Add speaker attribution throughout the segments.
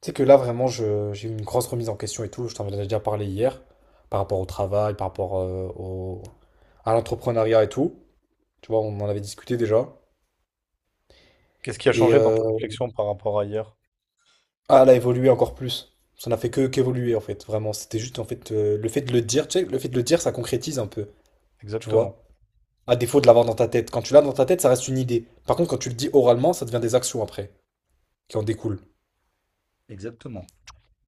Speaker 1: Tu sais que là, vraiment, j'ai eu une grosse remise en question et tout. Je t'en avais déjà parlé hier, par rapport au travail, par rapport à l'entrepreneuriat et tout. Tu vois, on en avait discuté déjà.
Speaker 2: Qu'est-ce qui a
Speaker 1: Et
Speaker 2: changé dans
Speaker 1: euh,
Speaker 2: ta réflexion par rapport à hier?
Speaker 1: ah, elle a évolué encore plus. Ça n'a fait que qu'évoluer, en fait, vraiment. C'était juste, en fait, le fait de le dire, tu sais, le fait de le dire, ça concrétise un peu, tu
Speaker 2: Exactement.
Speaker 1: vois. À défaut de l'avoir dans ta tête. Quand tu l'as dans ta tête, ça reste une idée. Par contre, quand tu le dis oralement, ça devient des actions après, qui en découlent.
Speaker 2: Exactement.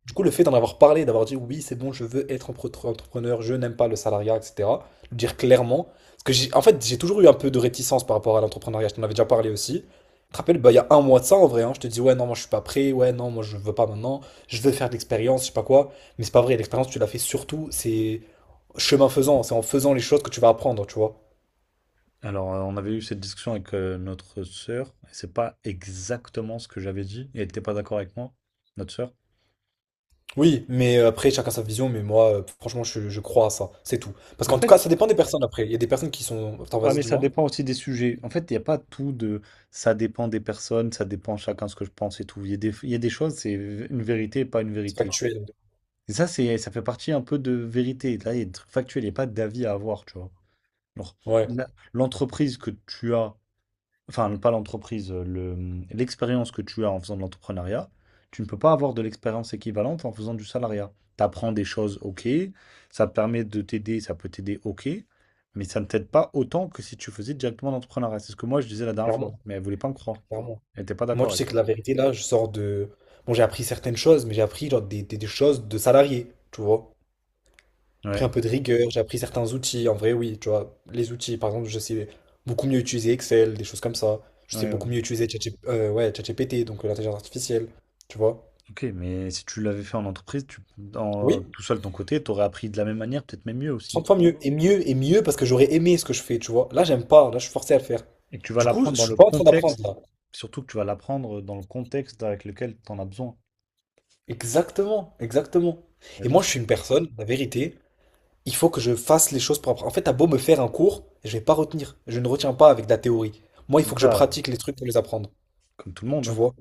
Speaker 1: Du coup, le fait d'en avoir parlé, d'avoir dit oui, c'est bon, je veux être entrepreneur, je n'aime pas le salariat, etc. Le dire clairement. Parce que j'ai, en fait, j'ai toujours eu un peu de réticence par rapport à l'entrepreneuriat. Je t'en avais déjà parlé aussi. Tu te rappelles, bah, il y a un mois de ça en vrai, hein. Je te dis ouais, non, moi je suis pas prêt. Ouais, non, moi je veux pas maintenant. Je veux faire de l'expérience, je sais pas quoi. Mais c'est pas vrai. L'expérience, tu l'as fait surtout. C'est chemin faisant. C'est en faisant les choses que tu vas apprendre, tu vois.
Speaker 2: Alors, on avait eu cette discussion avec notre sœur, et c'est pas exactement ce que j'avais dit, et elle n'était pas d'accord avec moi, notre sœur.
Speaker 1: Oui, mais après, chacun sa vision, mais moi, franchement, je crois à ça, c'est tout. Parce
Speaker 2: Mais en
Speaker 1: qu'en tout
Speaker 2: fait,
Speaker 1: cas, ça dépend des personnes après. Il y a des personnes qui sont… Attends,
Speaker 2: ouais,
Speaker 1: vas-y,
Speaker 2: mais ça
Speaker 1: dis-moi.
Speaker 2: dépend aussi des sujets. En fait, il n'y a pas tout de ça dépend des personnes, ça dépend chacun ce que je pense et tout. Il y a il y a des choses, c'est une vérité et pas une
Speaker 1: C'est
Speaker 2: vérité.
Speaker 1: factuel.
Speaker 2: Et ça, ça fait partie un peu de vérité. Là, il y a des trucs factuels, il n'y a pas d'avis à avoir, tu vois. Genre,
Speaker 1: Ouais.
Speaker 2: la- l'entreprise que tu as enfin pas l'entreprise, l'expérience que tu as en faisant de l'entrepreneuriat, tu ne peux pas avoir de l'expérience équivalente en faisant du salariat. Tu apprends des choses, ok, ça te permet de t'aider, ça peut t'aider, ok, mais ça ne t'aide pas autant que si tu faisais directement l'entrepreneuriat. C'est ce que moi je disais la dernière fois,
Speaker 1: Clairement,
Speaker 2: mais elle voulait pas me croire.
Speaker 1: clairement.
Speaker 2: Elle n'était pas
Speaker 1: Moi,
Speaker 2: d'accord
Speaker 1: tu
Speaker 2: avec.
Speaker 1: sais que la vérité, là, je sors de… Bon, j'ai appris certaines choses, mais j'ai appris genre des choses de salarié, tu vois. J'ai pris
Speaker 2: Ouais.
Speaker 1: un peu de rigueur, j'ai appris certains outils. En vrai, oui, tu vois, les outils, par exemple, je sais beaucoup mieux utiliser Excel, des choses comme ça. Je sais
Speaker 2: Ouais,
Speaker 1: beaucoup
Speaker 2: ouais.
Speaker 1: mieux utiliser ChatGPT, donc l'intelligence artificielle, tu vois.
Speaker 2: Ok, mais si tu l'avais fait en entreprise, tu,
Speaker 1: Oui,
Speaker 2: tout seul de ton côté, tu aurais appris de la même manière, peut-être même mieux aussi.
Speaker 1: 30 fois mieux. Et mieux, et mieux, parce que j'aurais aimé ce que je fais, tu vois. Là, j'aime pas, là, je suis forcé à le faire.
Speaker 2: Et que tu vas
Speaker 1: Du coup, je
Speaker 2: l'apprendre dans
Speaker 1: suis
Speaker 2: le
Speaker 1: pas en train d'apprendre,
Speaker 2: contexte,
Speaker 1: là.
Speaker 2: surtout que tu vas l'apprendre dans le contexte avec lequel tu en as besoin.
Speaker 1: Exactement, exactement.
Speaker 2: Bah,
Speaker 1: Et
Speaker 2: bien
Speaker 1: moi, je
Speaker 2: sûr.
Speaker 1: suis une personne, la vérité. Il faut que je fasse les choses propres. En fait, t'as beau me faire un cours, je vais pas retenir. Je ne retiens pas avec de la théorie. Moi, il
Speaker 2: Mais
Speaker 1: faut que je
Speaker 2: ça,
Speaker 1: pratique les trucs pour les apprendre.
Speaker 2: comme tout le monde,
Speaker 1: Tu
Speaker 2: hein.
Speaker 1: vois?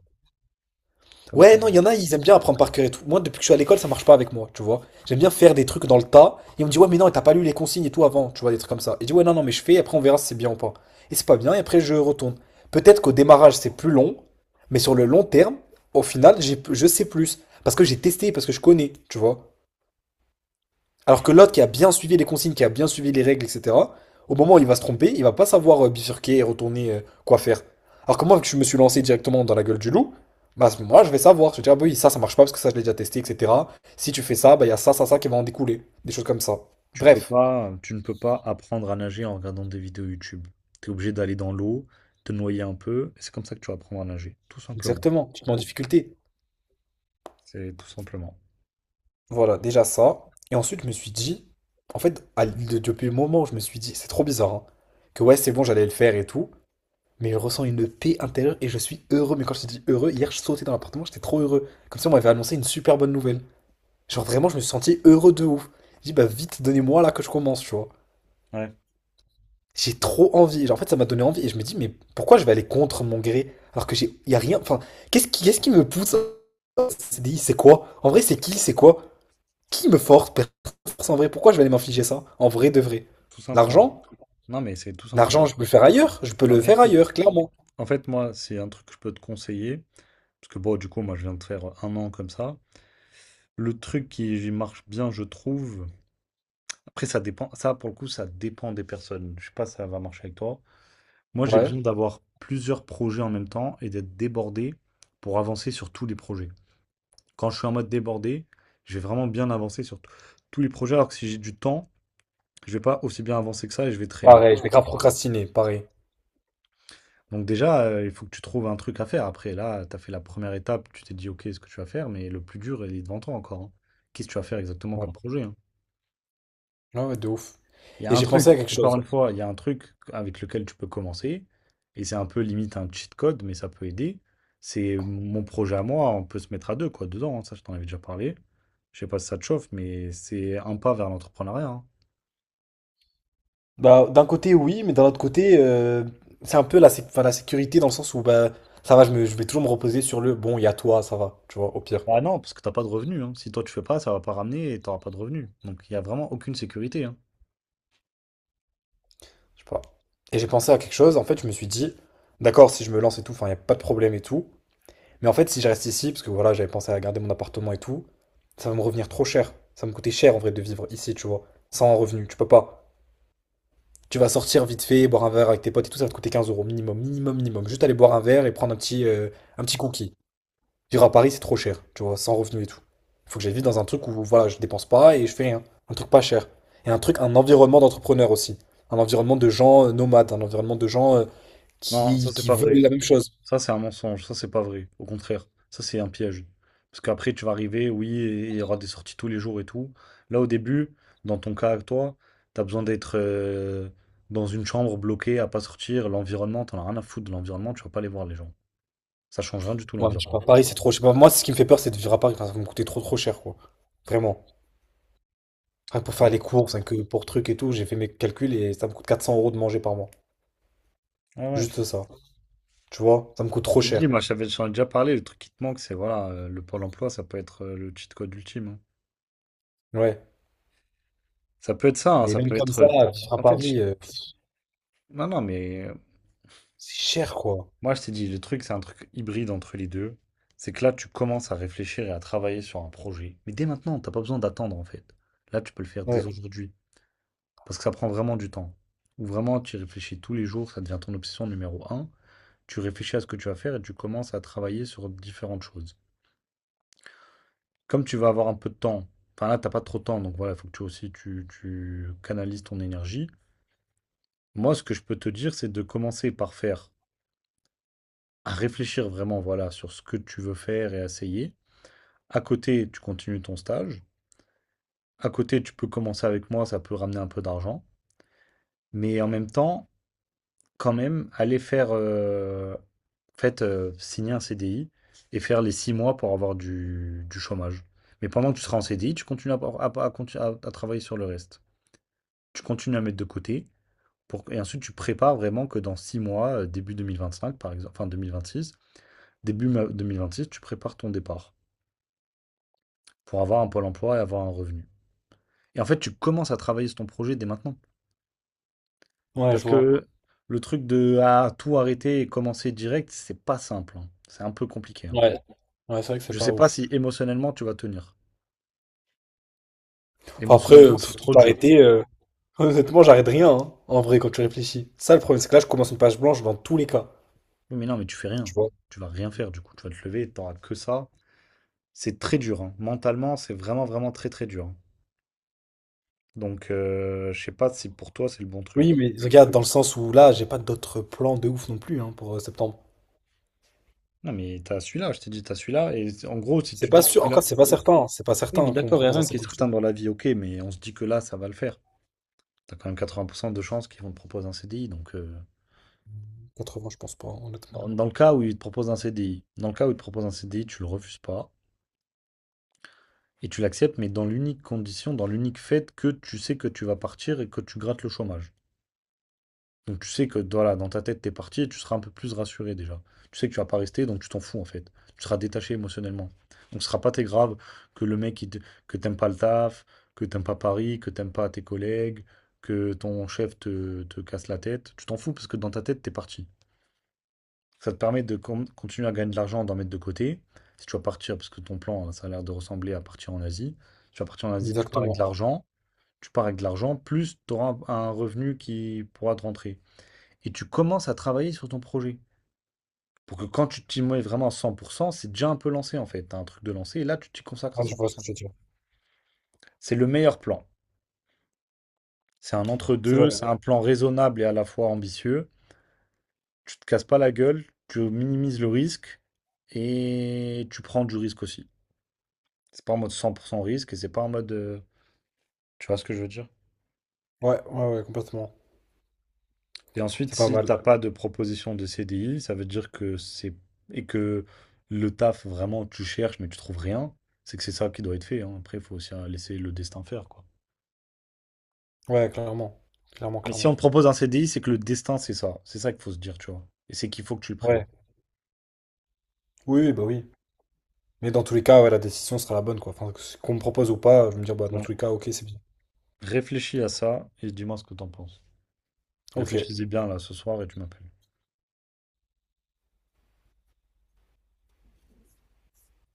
Speaker 2: Comme tout
Speaker 1: Ouais,
Speaker 2: le
Speaker 1: non, il
Speaker 2: monde.
Speaker 1: y en a, ils aiment bien apprendre par cœur et tout. Moi, depuis que je suis à l'école, ça marche pas avec moi, tu vois? J'aime bien faire des trucs dans le tas. Et on me dit, ouais, mais non, t'as pas lu les consignes et tout avant, tu vois, des trucs comme ça. Et je dis, ouais, non, non, mais je fais, et après on verra si c'est bien ou pas. Et c'est pas bien, et après je retourne. Peut-être qu'au démarrage, c'est plus long, mais sur le long terme, au final, j'ai, je sais plus. Parce que j'ai testé, parce que je connais, tu vois? Alors que l'autre qui a bien suivi les consignes, qui a bien suivi les règles, etc., au moment où il va se tromper, il va pas savoir bifurquer et retourner quoi faire. Alors que moi, vu que je me suis lancé directement dans la gueule du loup, bah à ce moment-là, je vais savoir. Je vais dire, ah, bah oui, ça marche pas parce que ça, je l'ai déjà testé, etc. Si tu fais ça, bah il y a ça, ça, ça qui va en découler. Des choses comme ça.
Speaker 2: Tu peux
Speaker 1: Bref,
Speaker 2: pas, tu ne peux pas apprendre à nager en regardant des vidéos YouTube. Tu es obligé d'aller dans l'eau, te noyer un peu, et c'est comme ça que tu vas apprendre à nager. Tout simplement.
Speaker 1: exactement. Tu te mets en difficulté.
Speaker 2: C'est tout simplement.
Speaker 1: Voilà, déjà ça. Et ensuite, je me suis dit, en fait, depuis le moment où je me suis dit, c'est trop bizarre, hein, que ouais, c'est bon, j'allais le faire et tout. Mais je ressens une paix intérieure et je suis heureux. Mais quand je te dis heureux, hier je sautais dans l'appartement, j'étais trop heureux. Comme ça, on m'avait annoncé une super bonne nouvelle. Genre vraiment, je me suis senti heureux de ouf. J'ai dit, bah vite, donnez-moi là que je commence, tu vois.
Speaker 2: Ouais,
Speaker 1: J'ai trop envie. Genre, en fait, ça m'a donné envie et je me dis, mais pourquoi je vais aller contre mon gré alors que j'ai, y a rien. Enfin, qu'est-ce qui me pousse à ce CDI? C'est quoi? En vrai, c'est qui? C'est quoi? Qui me force? Personne me force en vrai. Pourquoi je vais aller m'infliger ça? En vrai, de vrai.
Speaker 2: tout simplement.
Speaker 1: L'argent?
Speaker 2: Non, mais c'est tout simplement.
Speaker 1: L'argent, je peux le faire ailleurs. Je peux
Speaker 2: Non,
Speaker 1: le
Speaker 2: mais
Speaker 1: faire
Speaker 2: écoute,
Speaker 1: ailleurs, clairement.
Speaker 2: en fait, moi, c'est un truc que je peux te conseiller. Parce que bon, du coup, moi, je viens de faire un an comme ça. Le truc qui marche bien, je trouve. Après, ça dépend. Ça, pour le coup, ça dépend des personnes. Je sais pas si ça va marcher avec toi. Moi, j'ai
Speaker 1: Ouais.
Speaker 2: besoin d'avoir plusieurs projets en même temps et d'être débordé pour avancer sur tous les projets. Quand je suis en mode débordé, je vais vraiment bien avancer sur tous les projets, alors que si j'ai du temps, je vais pas aussi bien avancer que ça et je vais traîner.
Speaker 1: Pareil, je vais grave procrastiner, pareil.
Speaker 2: Donc déjà, il faut que tu trouves un truc à faire. Après, là, tu as fait la première étape, tu t'es dit, OK, ce que tu vas faire, mais le plus dur, il est devant toi encore, hein. Qu'est-ce que tu vas faire exactement comme
Speaker 1: Ouais,
Speaker 2: projet, hein?
Speaker 1: ouais, ouais, de ouf.
Speaker 2: Il y a
Speaker 1: Et
Speaker 2: un
Speaker 1: j'ai
Speaker 2: truc,
Speaker 1: pensé à quelque
Speaker 2: encore
Speaker 1: chose.
Speaker 2: une fois, il y a un truc avec lequel tu peux commencer, et c'est un peu limite un cheat code, mais ça peut aider. C'est mon projet à moi, on peut se mettre à deux, quoi, dedans, hein, ça je t'en avais déjà parlé. Je sais pas si ça te chauffe, mais c'est un pas vers l'entrepreneuriat, hein.
Speaker 1: Bah, d'un côté, oui, mais d'un autre côté, c'est un peu enfin, la sécurité dans le sens où bah, ça va, je vais toujours me reposer sur le bon, il y a toi, ça va, tu vois, au pire.
Speaker 2: Bah non, parce que t'as pas de revenus, hein. Si toi tu fais pas, ça va pas ramener et t'auras pas de revenus. Donc il y a vraiment aucune sécurité, hein.
Speaker 1: Je sais pas. Et j'ai pensé à quelque chose, en fait, je me suis dit, d'accord, si je me lance et tout, enfin, il n'y a pas de problème et tout. Mais en fait, si je reste ici, parce que voilà, j'avais pensé à garder mon appartement et tout, ça va me revenir trop cher. Ça va me coûter cher en vrai de vivre ici, tu vois, sans revenu, tu peux pas. Tu vas sortir vite fait, boire un verre avec tes potes et tout, ça va te coûter 15 € minimum, minimum, minimum. Juste aller boire un verre et prendre un petit cookie. Vivre à Paris, c'est trop cher, tu vois, sans revenu et tout. Il faut que j'aille vivre dans un truc où, voilà, je dépense pas et je fais rien. Un truc pas cher. Et un truc, un environnement d'entrepreneur aussi. Un environnement de gens nomades, un environnement de gens
Speaker 2: Non, ça
Speaker 1: qui,
Speaker 2: c'est
Speaker 1: qui
Speaker 2: pas
Speaker 1: veulent
Speaker 2: vrai.
Speaker 1: la même chose.
Speaker 2: Ça, c'est un mensonge, ça, c'est pas vrai. Au contraire, ça, c'est un piège. Parce qu'après, tu vas arriver, oui, et il y aura des sorties tous les jours et tout. Là, au début, dans ton cas, toi, t'as besoin d'être dans une chambre bloquée, à pas sortir. L'environnement, t'en as rien à foutre de l'environnement, tu vas pas aller voir les gens. Ça change rien du tout,
Speaker 1: Ouais, je sais
Speaker 2: l'environnement.
Speaker 1: pas, Paris, c'est trop, je sais pas, moi, ce qui me fait peur, c'est de vivre à Paris. Enfin, ça va me coûter trop, trop cher, quoi. Vraiment. Rien que pour faire
Speaker 2: Ouais,
Speaker 1: les courses, rien que pour trucs et tout, j'ai fait mes calculs et ça me coûte 400 € de manger par mois.
Speaker 2: ouais, ouais.
Speaker 1: Juste ça. Tu vois, ça me coûte trop
Speaker 2: J'ai dit,
Speaker 1: cher.
Speaker 2: moi, j'avais j'en ai déjà parlé, le truc qui te manque, c'est voilà, le Pôle emploi, ça peut être le cheat code ultime, hein.
Speaker 1: Ouais.
Speaker 2: Ça peut être ça, hein,
Speaker 1: Mais
Speaker 2: ça
Speaker 1: même
Speaker 2: peut
Speaker 1: comme
Speaker 2: être,
Speaker 1: ça, vivre à
Speaker 2: en fait,
Speaker 1: Paris,
Speaker 2: non, non, mais.
Speaker 1: c'est cher, quoi.
Speaker 2: Moi, je t'ai dit, le truc, c'est un truc hybride entre les deux. C'est que là, tu commences à réfléchir et à travailler sur un projet. Mais dès maintenant, t'as pas besoin d'attendre, en fait. Là, tu peux le faire dès
Speaker 1: Ouais.
Speaker 2: aujourd'hui. Parce que ça prend vraiment du temps. Ou vraiment, tu y réfléchis tous les jours, ça devient ton obsession numéro un. Tu réfléchis à ce que tu vas faire et tu commences à travailler sur différentes choses. Comme tu vas avoir un peu de temps, enfin là, t'as pas trop de temps, donc voilà, il faut que tu aussi, tu canalises ton énergie. Moi, ce que je peux te dire, c'est de commencer par faire, à réfléchir vraiment, voilà, sur ce que tu veux faire et essayer. À côté, tu continues ton stage. À côté, tu peux commencer avec moi, ça peut ramener un peu d'argent. Mais en même temps, quand même, aller faire, en fait, signer un CDI et faire les 6 mois pour avoir du chômage. Mais pendant que tu seras en CDI, tu continues à travailler sur le reste. Tu continues à mettre de côté pour, et ensuite tu prépares vraiment que dans 6 mois, début cinq par exemple, enfin six six tu prépares ton départ pour avoir un pôle emploi et avoir un revenu. Et en fait, tu commences à travailler sur ton projet dès maintenant.
Speaker 1: Ouais,
Speaker 2: Parce
Speaker 1: je vois.
Speaker 2: que le truc de ah, tout arrêter et commencer direct, c'est pas simple, hein. C'est un peu compliqué, hein.
Speaker 1: Ouais. Ouais, c'est vrai que c'est
Speaker 2: Je
Speaker 1: pas
Speaker 2: sais pas
Speaker 1: ouf.
Speaker 2: si émotionnellement tu vas tenir.
Speaker 1: Enfin, après,
Speaker 2: Émotionnellement, c'est trop
Speaker 1: tout
Speaker 2: dur.
Speaker 1: arrêter, honnêtement, j'arrête rien, hein, en vrai, quand tu réfléchis. Ça, le problème, c'est que là, je commence une page blanche dans tous les cas.
Speaker 2: Oui, mais non, mais tu fais
Speaker 1: Tu
Speaker 2: rien.
Speaker 1: vois.
Speaker 2: Tu vas rien faire du coup. Tu vas te lever, t'auras que ça. C'est très dur, hein. Mentalement, c'est vraiment, vraiment très, très dur, hein. Donc, je sais pas si pour toi, c'est le bon
Speaker 1: Oui,
Speaker 2: truc.
Speaker 1: mais regarde, dans le sens où là, j'ai pas d'autres plans de ouf non plus, hein, pour septembre.
Speaker 2: Non, mais t'as celui-là, je t'ai dit, t'as celui-là. Et en gros, si
Speaker 1: C'est
Speaker 2: tu dis
Speaker 1: pas
Speaker 2: que
Speaker 1: sûr,
Speaker 2: celui-là.
Speaker 1: encore, c'est pas certain, hein. C'est pas
Speaker 2: Oui, mais
Speaker 1: certain qu'on me
Speaker 2: d'accord, il y a
Speaker 1: propose un
Speaker 2: rien qui est
Speaker 1: CDI, tu
Speaker 2: certain
Speaker 1: vois.
Speaker 2: dans la vie, ok, mais on se dit que là, ça va le faire. T'as quand même 80% de chances qu'ils vont te proposer un CDI, donc,
Speaker 1: 80, je pense pas,
Speaker 2: Dans
Speaker 1: honnêtement.
Speaker 2: dans le cas où il te propose un CDI. Dans le cas où il te propose un CDI, tu le refuses pas et tu l'acceptes, mais dans l'unique condition, dans l'unique fait que tu sais que tu vas partir et que tu grattes le chômage. Donc tu sais que voilà, dans ta tête, t'es parti et tu seras un peu plus rassuré déjà. Tu sais que tu vas pas rester, donc tu t'en fous en fait. Tu seras détaché émotionnellement. Donc ce sera pas très grave que le mec, que t'aimes pas le taf, que t'aimes pas Paris, que t'aimes pas tes collègues, que ton chef te casse la tête. Tu t'en fous parce que dans ta tête, t'es parti. Ça te permet de continuer à gagner de l'argent, d'en mettre de côté. Si tu vas partir, parce que ton plan, hein, ça a l'air de ressembler à partir en Asie. Tu vas partir en Asie, tu pars avec de
Speaker 1: Exactement.
Speaker 2: l'argent. Tu pars avec de l'argent, plus tu auras un revenu qui pourra te rentrer. Et tu commences à travailler sur ton projet. Pour que quand tu t'y mets vraiment à 100%, c'est déjà un peu lancé en fait. T'as un truc de lancé et là, tu t'y consacres à
Speaker 1: Ouais, je vois ce que
Speaker 2: 100%.
Speaker 1: tu veux dire.
Speaker 2: C'est le meilleur plan. C'est un
Speaker 1: C'est
Speaker 2: entre-deux,
Speaker 1: vrai.
Speaker 2: c'est un plan raisonnable et à la fois ambitieux. Tu te casses pas la gueule, tu minimises le risque et tu prends du risque aussi. C'est pas en mode 100% risque et c'est pas en mode, tu vois ce que je veux dire?
Speaker 1: Ouais, ouais, ouais, complètement.
Speaker 2: Et ensuite,
Speaker 1: C'est pas
Speaker 2: si
Speaker 1: mal.
Speaker 2: t'as pas de proposition de CDI, ça veut dire que c'est. Et que le taf vraiment tu cherches mais tu trouves rien, c'est que c'est ça qui doit être fait, hein. Après, il faut aussi laisser le destin faire, quoi.
Speaker 1: Ouais, clairement. Clairement,
Speaker 2: Mais si
Speaker 1: clairement.
Speaker 2: on te propose un CDI, c'est que le destin, c'est ça. C'est ça qu'il faut se dire, tu vois. Et c'est qu'il faut que tu le prennes.
Speaker 1: Ouais. Oui, oui, bah oui. Mais dans tous les cas, ouais, la décision sera la bonne, quoi. Enfin, qu'on me propose ou pas, je vais me dire, bah, dans
Speaker 2: Ouais.
Speaker 1: tous les cas, ok, c'est bien.
Speaker 2: Réfléchis à ça et dis-moi ce que t'en penses.
Speaker 1: Ok.
Speaker 2: Réfléchis-y bien là ce soir et tu m'appelles.